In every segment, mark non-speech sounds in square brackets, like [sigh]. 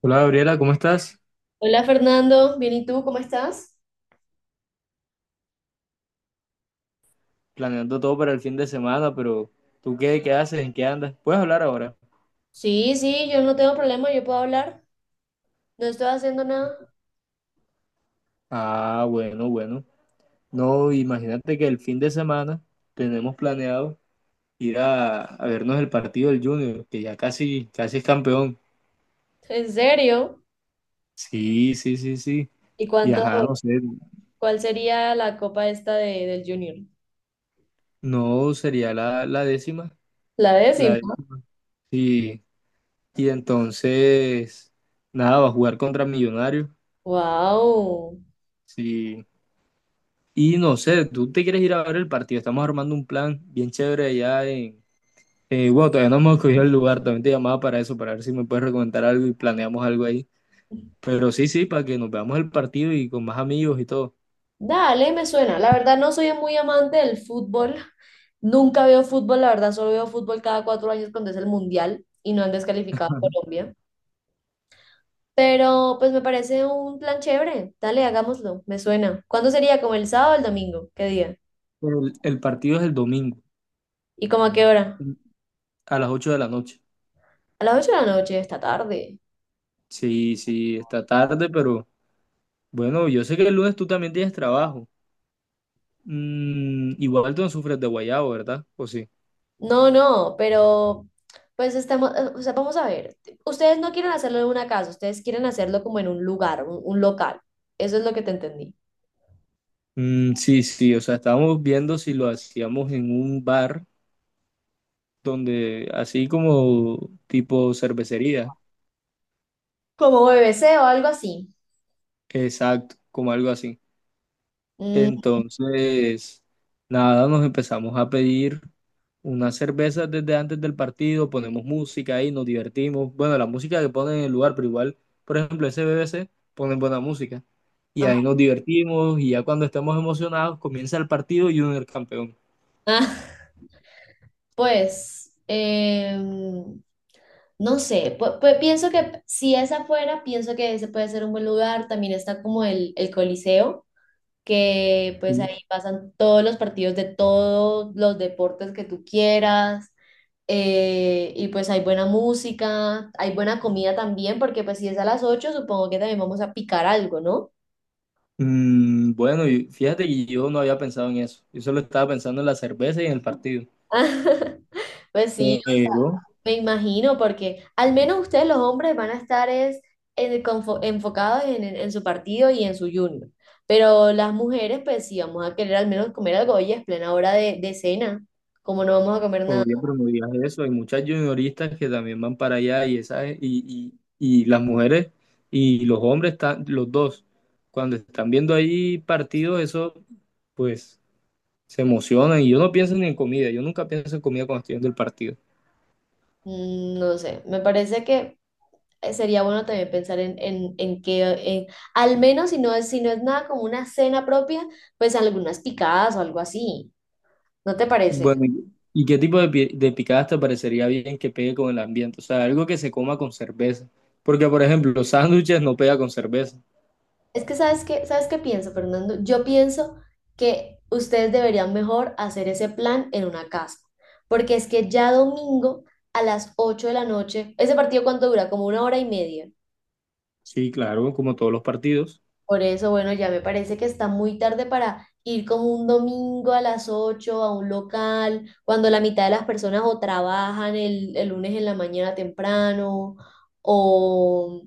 Hola Gabriela, ¿cómo estás? Hola Fernando, bien, ¿y tú cómo estás? Planeando todo para el fin de semana, pero ¿tú qué haces? ¿En qué andas? ¿Puedes hablar ahora? Sí, sí, yo no tengo problema, yo puedo hablar, no estoy haciendo nada. Ah, bueno, bueno. No, imagínate que el fin de semana tenemos planeado ir a vernos el partido del Junior, que ya casi, casi es campeón. [laughs] ¿En serio? Sí, sí, sí, sí. ¿Y Y ajá, no sé, cuál sería la copa esta de, del Junior? no sería la décima, La la décima. décima. Sí. Y entonces, nada, va a jugar contra Millonarios. Wow. Sí. Y no sé, tú te quieres ir a ver el partido. Estamos armando un plan bien chévere allá en. Bueno, todavía no hemos cogido el lugar. También te llamaba para eso, para ver si me puedes recomendar algo y planeamos algo ahí. Pero sí, sí, para que nos veamos el partido y con más amigos y todo. Dale, me suena. La verdad no soy muy amante del fútbol. [laughs] Nunca veo fútbol, la verdad solo veo fútbol cada 4 años cuando es el mundial y no han descalificado a Colombia. Pero pues me parece un plan chévere. Dale, hagámoslo, me suena. ¿Cuándo sería? ¿Como el sábado o el domingo? ¿Qué día? Pero el partido es el domingo, ¿Y como a qué hora? a las 8 de la noche. A las 8 de la noche, esta tarde. Sí, sí, está tarde, pero bueno, yo sé que el lunes tú también tienes trabajo. Igual tú no sufres de guayabo, ¿verdad? ¿O sí? No, no, pero pues estamos, o sea, vamos a ver. Ustedes no quieren hacerlo en una casa, ustedes quieren hacerlo como en un lugar, un local. Eso es lo que te entendí. Mm, sí, sí, o sea, estábamos viendo si lo hacíamos en un bar donde así como tipo cervecería, Como BBC o algo así. exacto, como algo así. Mm, Entonces, nada, nos empezamos a pedir unas cervezas desde antes del partido, ponemos música ahí, nos divertimos. Bueno, la música que ponen en el lugar, pero igual, por ejemplo, ese BBC ponen buena música. Y ajá. ahí [laughs] nos divertimos y ya cuando estemos emocionados comienza el partido y uno es el campeón. Ah, pues, no sé, pienso que si es afuera, pienso que ese puede ser un buen lugar. También está como el Coliseo. Que pues Sí. ahí pasan todos los partidos de todos los deportes que tú quieras. Y pues hay buena música, hay buena comida también, porque pues si es a las 8 supongo que también vamos a picar algo, ¿no? Mm, bueno, y fíjate que yo no había pensado en eso. Yo solo estaba pensando en la cerveza y en el partido. [laughs] Pues sí, Pero me imagino, porque al menos ustedes los hombres van a estar enfocados en su partido y en su junior. Pero las mujeres, pues sí, vamos a querer al menos comer algo, oye, es plena hora de cena, como no vamos a comer nada. obvio promovías eso. Hay muchas junioristas que también van para allá y las mujeres y los hombres, están, los dos, cuando están viendo ahí partidos, eso pues se emocionan. Y yo no pienso ni en comida, yo nunca pienso en comida cuando estoy viendo el partido. Mm, no sé, me parece que sería bueno también pensar en que, al menos si no es nada como una cena propia, pues algunas picadas o algo así. ¿No te parece? Bueno, ¿y qué tipo de picadas te parecería bien que pegue con el ambiente? O sea, algo que se coma con cerveza. Porque, por ejemplo, los sándwiches no pega con cerveza. Es que ¿sabes qué pienso, Fernando? Yo pienso que ustedes deberían mejor hacer ese plan en una casa, porque es que ya domingo a las 8 de la noche, ese partido cuánto dura, como una hora y media. Sí, claro, como todos los partidos. Por eso, bueno, ya me parece que está muy tarde para ir como un domingo a las 8 a un local, cuando la mitad de las personas o trabajan el lunes en la mañana temprano o,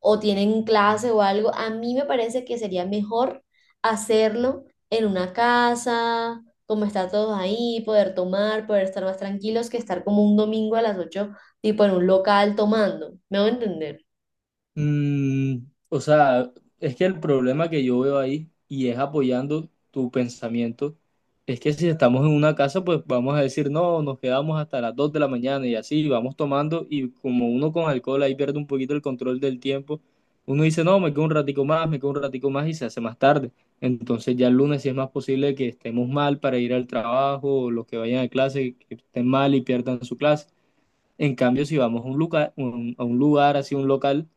o tienen clase o algo. A mí me parece que sería mejor hacerlo en una casa, como estar todos ahí, poder tomar, poder estar más tranquilos que estar como un domingo a las 8 tipo en un local tomando. ¿Me voy a entender? Mm, o sea, es que el problema que yo veo ahí, y es apoyando tu pensamiento, es que si estamos en una casa, pues vamos a decir, no, nos quedamos hasta las 2 de la mañana y así, vamos tomando y como uno con alcohol ahí pierde un poquito el control del tiempo, uno dice, no, me quedo un ratico más, me quedo un ratico más y se hace más tarde. Entonces ya el lunes sí es más posible que estemos mal para ir al trabajo, o los que vayan a clase, que estén mal y pierdan su clase. En cambio, si vamos a un lugar, a un lugar, así un local,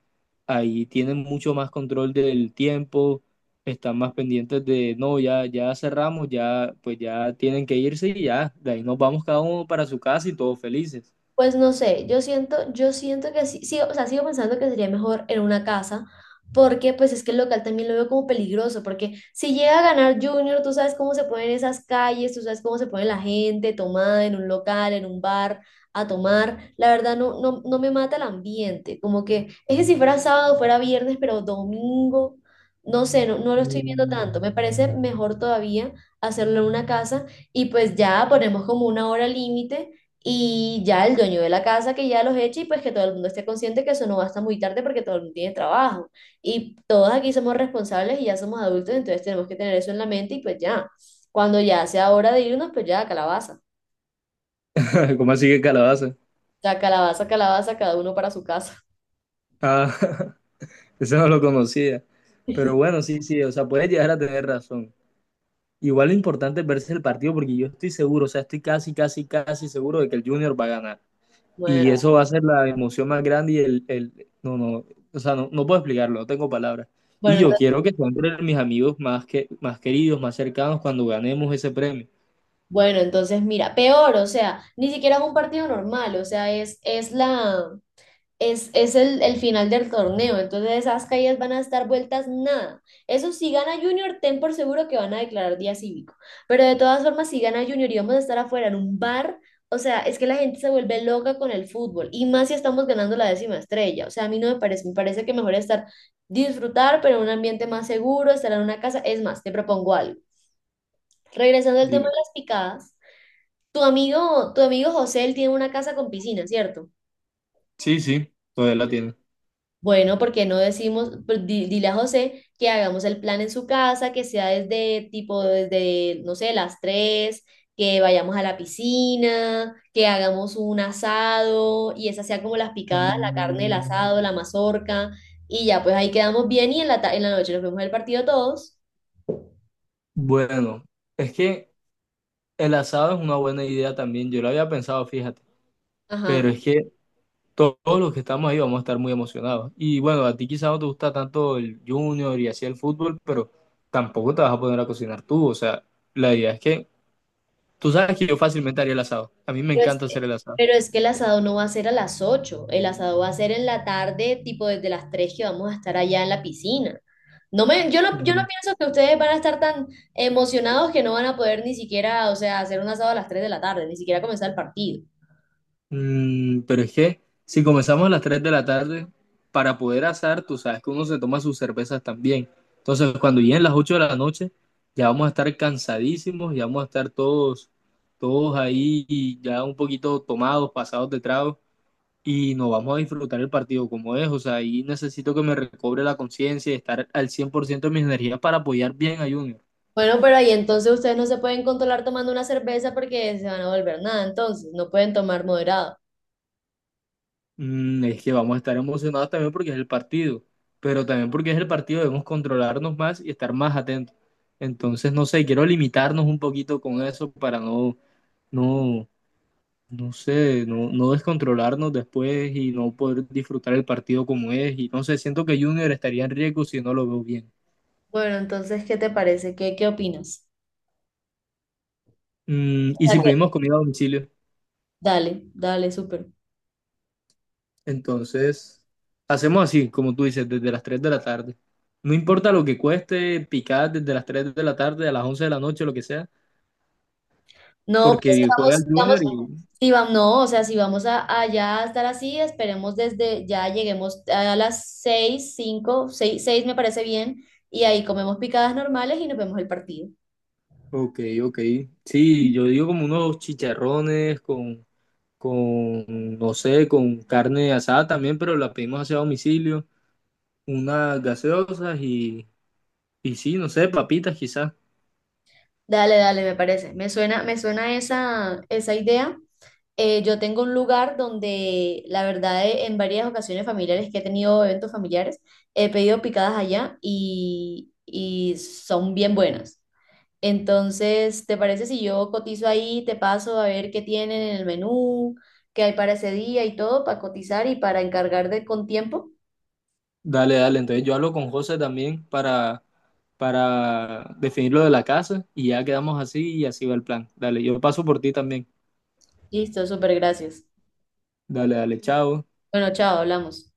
ahí tienen mucho más control del tiempo, están más pendientes de, no, ya, ya cerramos, ya, pues ya tienen que irse y ya, de ahí nos vamos cada uno para su casa y todos felices. Pues no sé, yo siento que sí, sí, o sea, sigo pensando que sería mejor en una casa, porque pues es que el local también lo veo como peligroso, porque si llega a ganar Junior, tú sabes cómo se ponen esas calles, tú sabes cómo se pone la gente tomada en un local, en un bar, a tomar, la verdad no, no, no me mata el ambiente, como que es que si fuera sábado, fuera viernes, pero domingo, no sé, no, no lo estoy viendo Mm. tanto, me parece mejor todavía hacerlo en una casa y pues ya ponemos como una hora límite y ya el dueño de la casa que ya los eche y pues que todo el mundo esté consciente que eso no va hasta muy tarde porque todo el mundo tiene trabajo. Y todos aquí somos responsables y ya somos adultos, entonces tenemos que tener eso en la mente y pues ya, cuando ya sea hora de irnos, pues ya, calabaza. [laughs] ¿Cómo así que calabaza? Ya, calabaza, calabaza, cada uno para su casa. Ah, [laughs] eso no lo conocía. Pero [laughs] bueno, sí, sí, o sea, puedes llegar a tener razón. Igual lo importante es verse el partido porque yo estoy seguro, o sea, estoy casi, casi, casi seguro de que el Junior va a ganar. Y Bueno, eso va a ser la emoción más grande y el no, no, o sea, no, no puedo explicarlo, no tengo palabras. Y bueno, yo quiero que sean entre mis amigos más, que, más queridos, más cercanos cuando ganemos ese premio. Entonces mira, peor, o sea, ni siquiera es un partido normal, o sea, es la, es el final del torneo, entonces esas caídas van a estar vueltas nada. Eso si gana Junior, ten por seguro que van a declarar día cívico. Pero de todas formas, si gana Junior y vamos a estar afuera en un bar, o sea, es que la gente se vuelve loca con el fútbol y más si estamos ganando la décima estrella. O sea, a mí no me parece, me parece que mejor estar disfrutar, pero en un ambiente más seguro, estar en una casa. Es más, te propongo algo. Regresando al tema Dime. de las picadas, tu amigo José, él tiene una casa con piscina, ¿cierto? Sí, sí, todavía la tiene. Bueno, porque no decimos, pues, dile a José que hagamos el plan en su casa, que sea desde tipo, desde, no sé, las 3 que vayamos a la piscina, que hagamos un asado y esa sea como las picadas, la carne, el Mm, asado, la mazorca y ya, pues ahí quedamos bien y en en la noche nos vemos el partido todos. bueno, es que el asado es una buena idea también. Yo lo había pensado, fíjate. Ajá. Pero es que todos los que estamos ahí vamos a estar muy emocionados. Y bueno, a ti quizás no te gusta tanto el junior y así el fútbol, pero tampoco te vas a poner a cocinar tú. O sea, la idea es que tú sabes que yo fácilmente haría el asado. A mí me Pero es, encanta que hacer el asado. pero es que el asado no va a ser a las 8. El asado va a ser en la tarde, tipo desde las 3 que vamos a estar allá en la piscina. No me, yo no, yo no Mm. pienso que ustedes van a estar tan emocionados que no van a poder ni siquiera, o sea, hacer un asado a las 3 de la tarde, ni siquiera comenzar el partido. Pero es que si comenzamos a las 3 de la tarde, para poder asar, tú sabes que uno se toma sus cervezas también. Entonces, cuando lleguen las 8 de la noche, ya vamos a estar cansadísimos, ya vamos a estar todos, todos ahí y ya un poquito tomados, pasados de trago, y nos vamos a disfrutar el partido como es. O sea, ahí necesito que me recobre la conciencia y estar al 100% de mis energías para apoyar bien a Junior. Bueno, pero ahí entonces ustedes no se pueden controlar tomando una cerveza porque se van a volver nada, entonces no pueden tomar moderado. Es que vamos a estar emocionados también porque es el partido, pero también porque es el partido debemos controlarnos más y estar más atentos. Entonces, no sé, quiero limitarnos un poquito con eso para no, no, no sé, no, no descontrolarnos después y no poder disfrutar el partido como es. Y no sé, siento que Junior estaría en riesgo si no lo veo bien. Bueno, entonces, ¿qué te parece? ¿Qué opinas? O Y si sea que- pedimos comida a domicilio, Dale, dale, súper. entonces hacemos así, como tú dices, desde las 3 de la tarde. No importa lo que cueste, picar desde las 3 de la tarde a las 11 de la noche, lo que sea. No, pues Porque juega el Junior si vamos, y... si vamos, no, o sea, si vamos a, allá a estar así, esperemos desde, ya lleguemos a las 6, cinco, seis, seis me parece bien, y ahí comemos picadas normales y nos vemos el partido. Ok, ok. Sí, yo digo como unos chicharrones con, no sé, con carne asada también, pero la pedimos hacia domicilio. Unas gaseosas y sí, no sé, papitas quizás. Dale, dale, me parece. Me suena esa idea. Yo tengo un lugar donde, la verdad, en varias ocasiones familiares que he tenido eventos familiares, he pedido picadas allá y son bien buenas. Entonces, ¿te parece si yo cotizo ahí, te paso a ver qué tienen en el menú, qué hay para ese día y todo, para cotizar y para encargar de con tiempo? Dale, dale. Entonces yo hablo con José también para definir lo de la casa y ya quedamos así y así va el plan. Dale, yo paso por ti también. Listo, súper gracias. Dale, dale, chao. Bueno, chao, hablamos.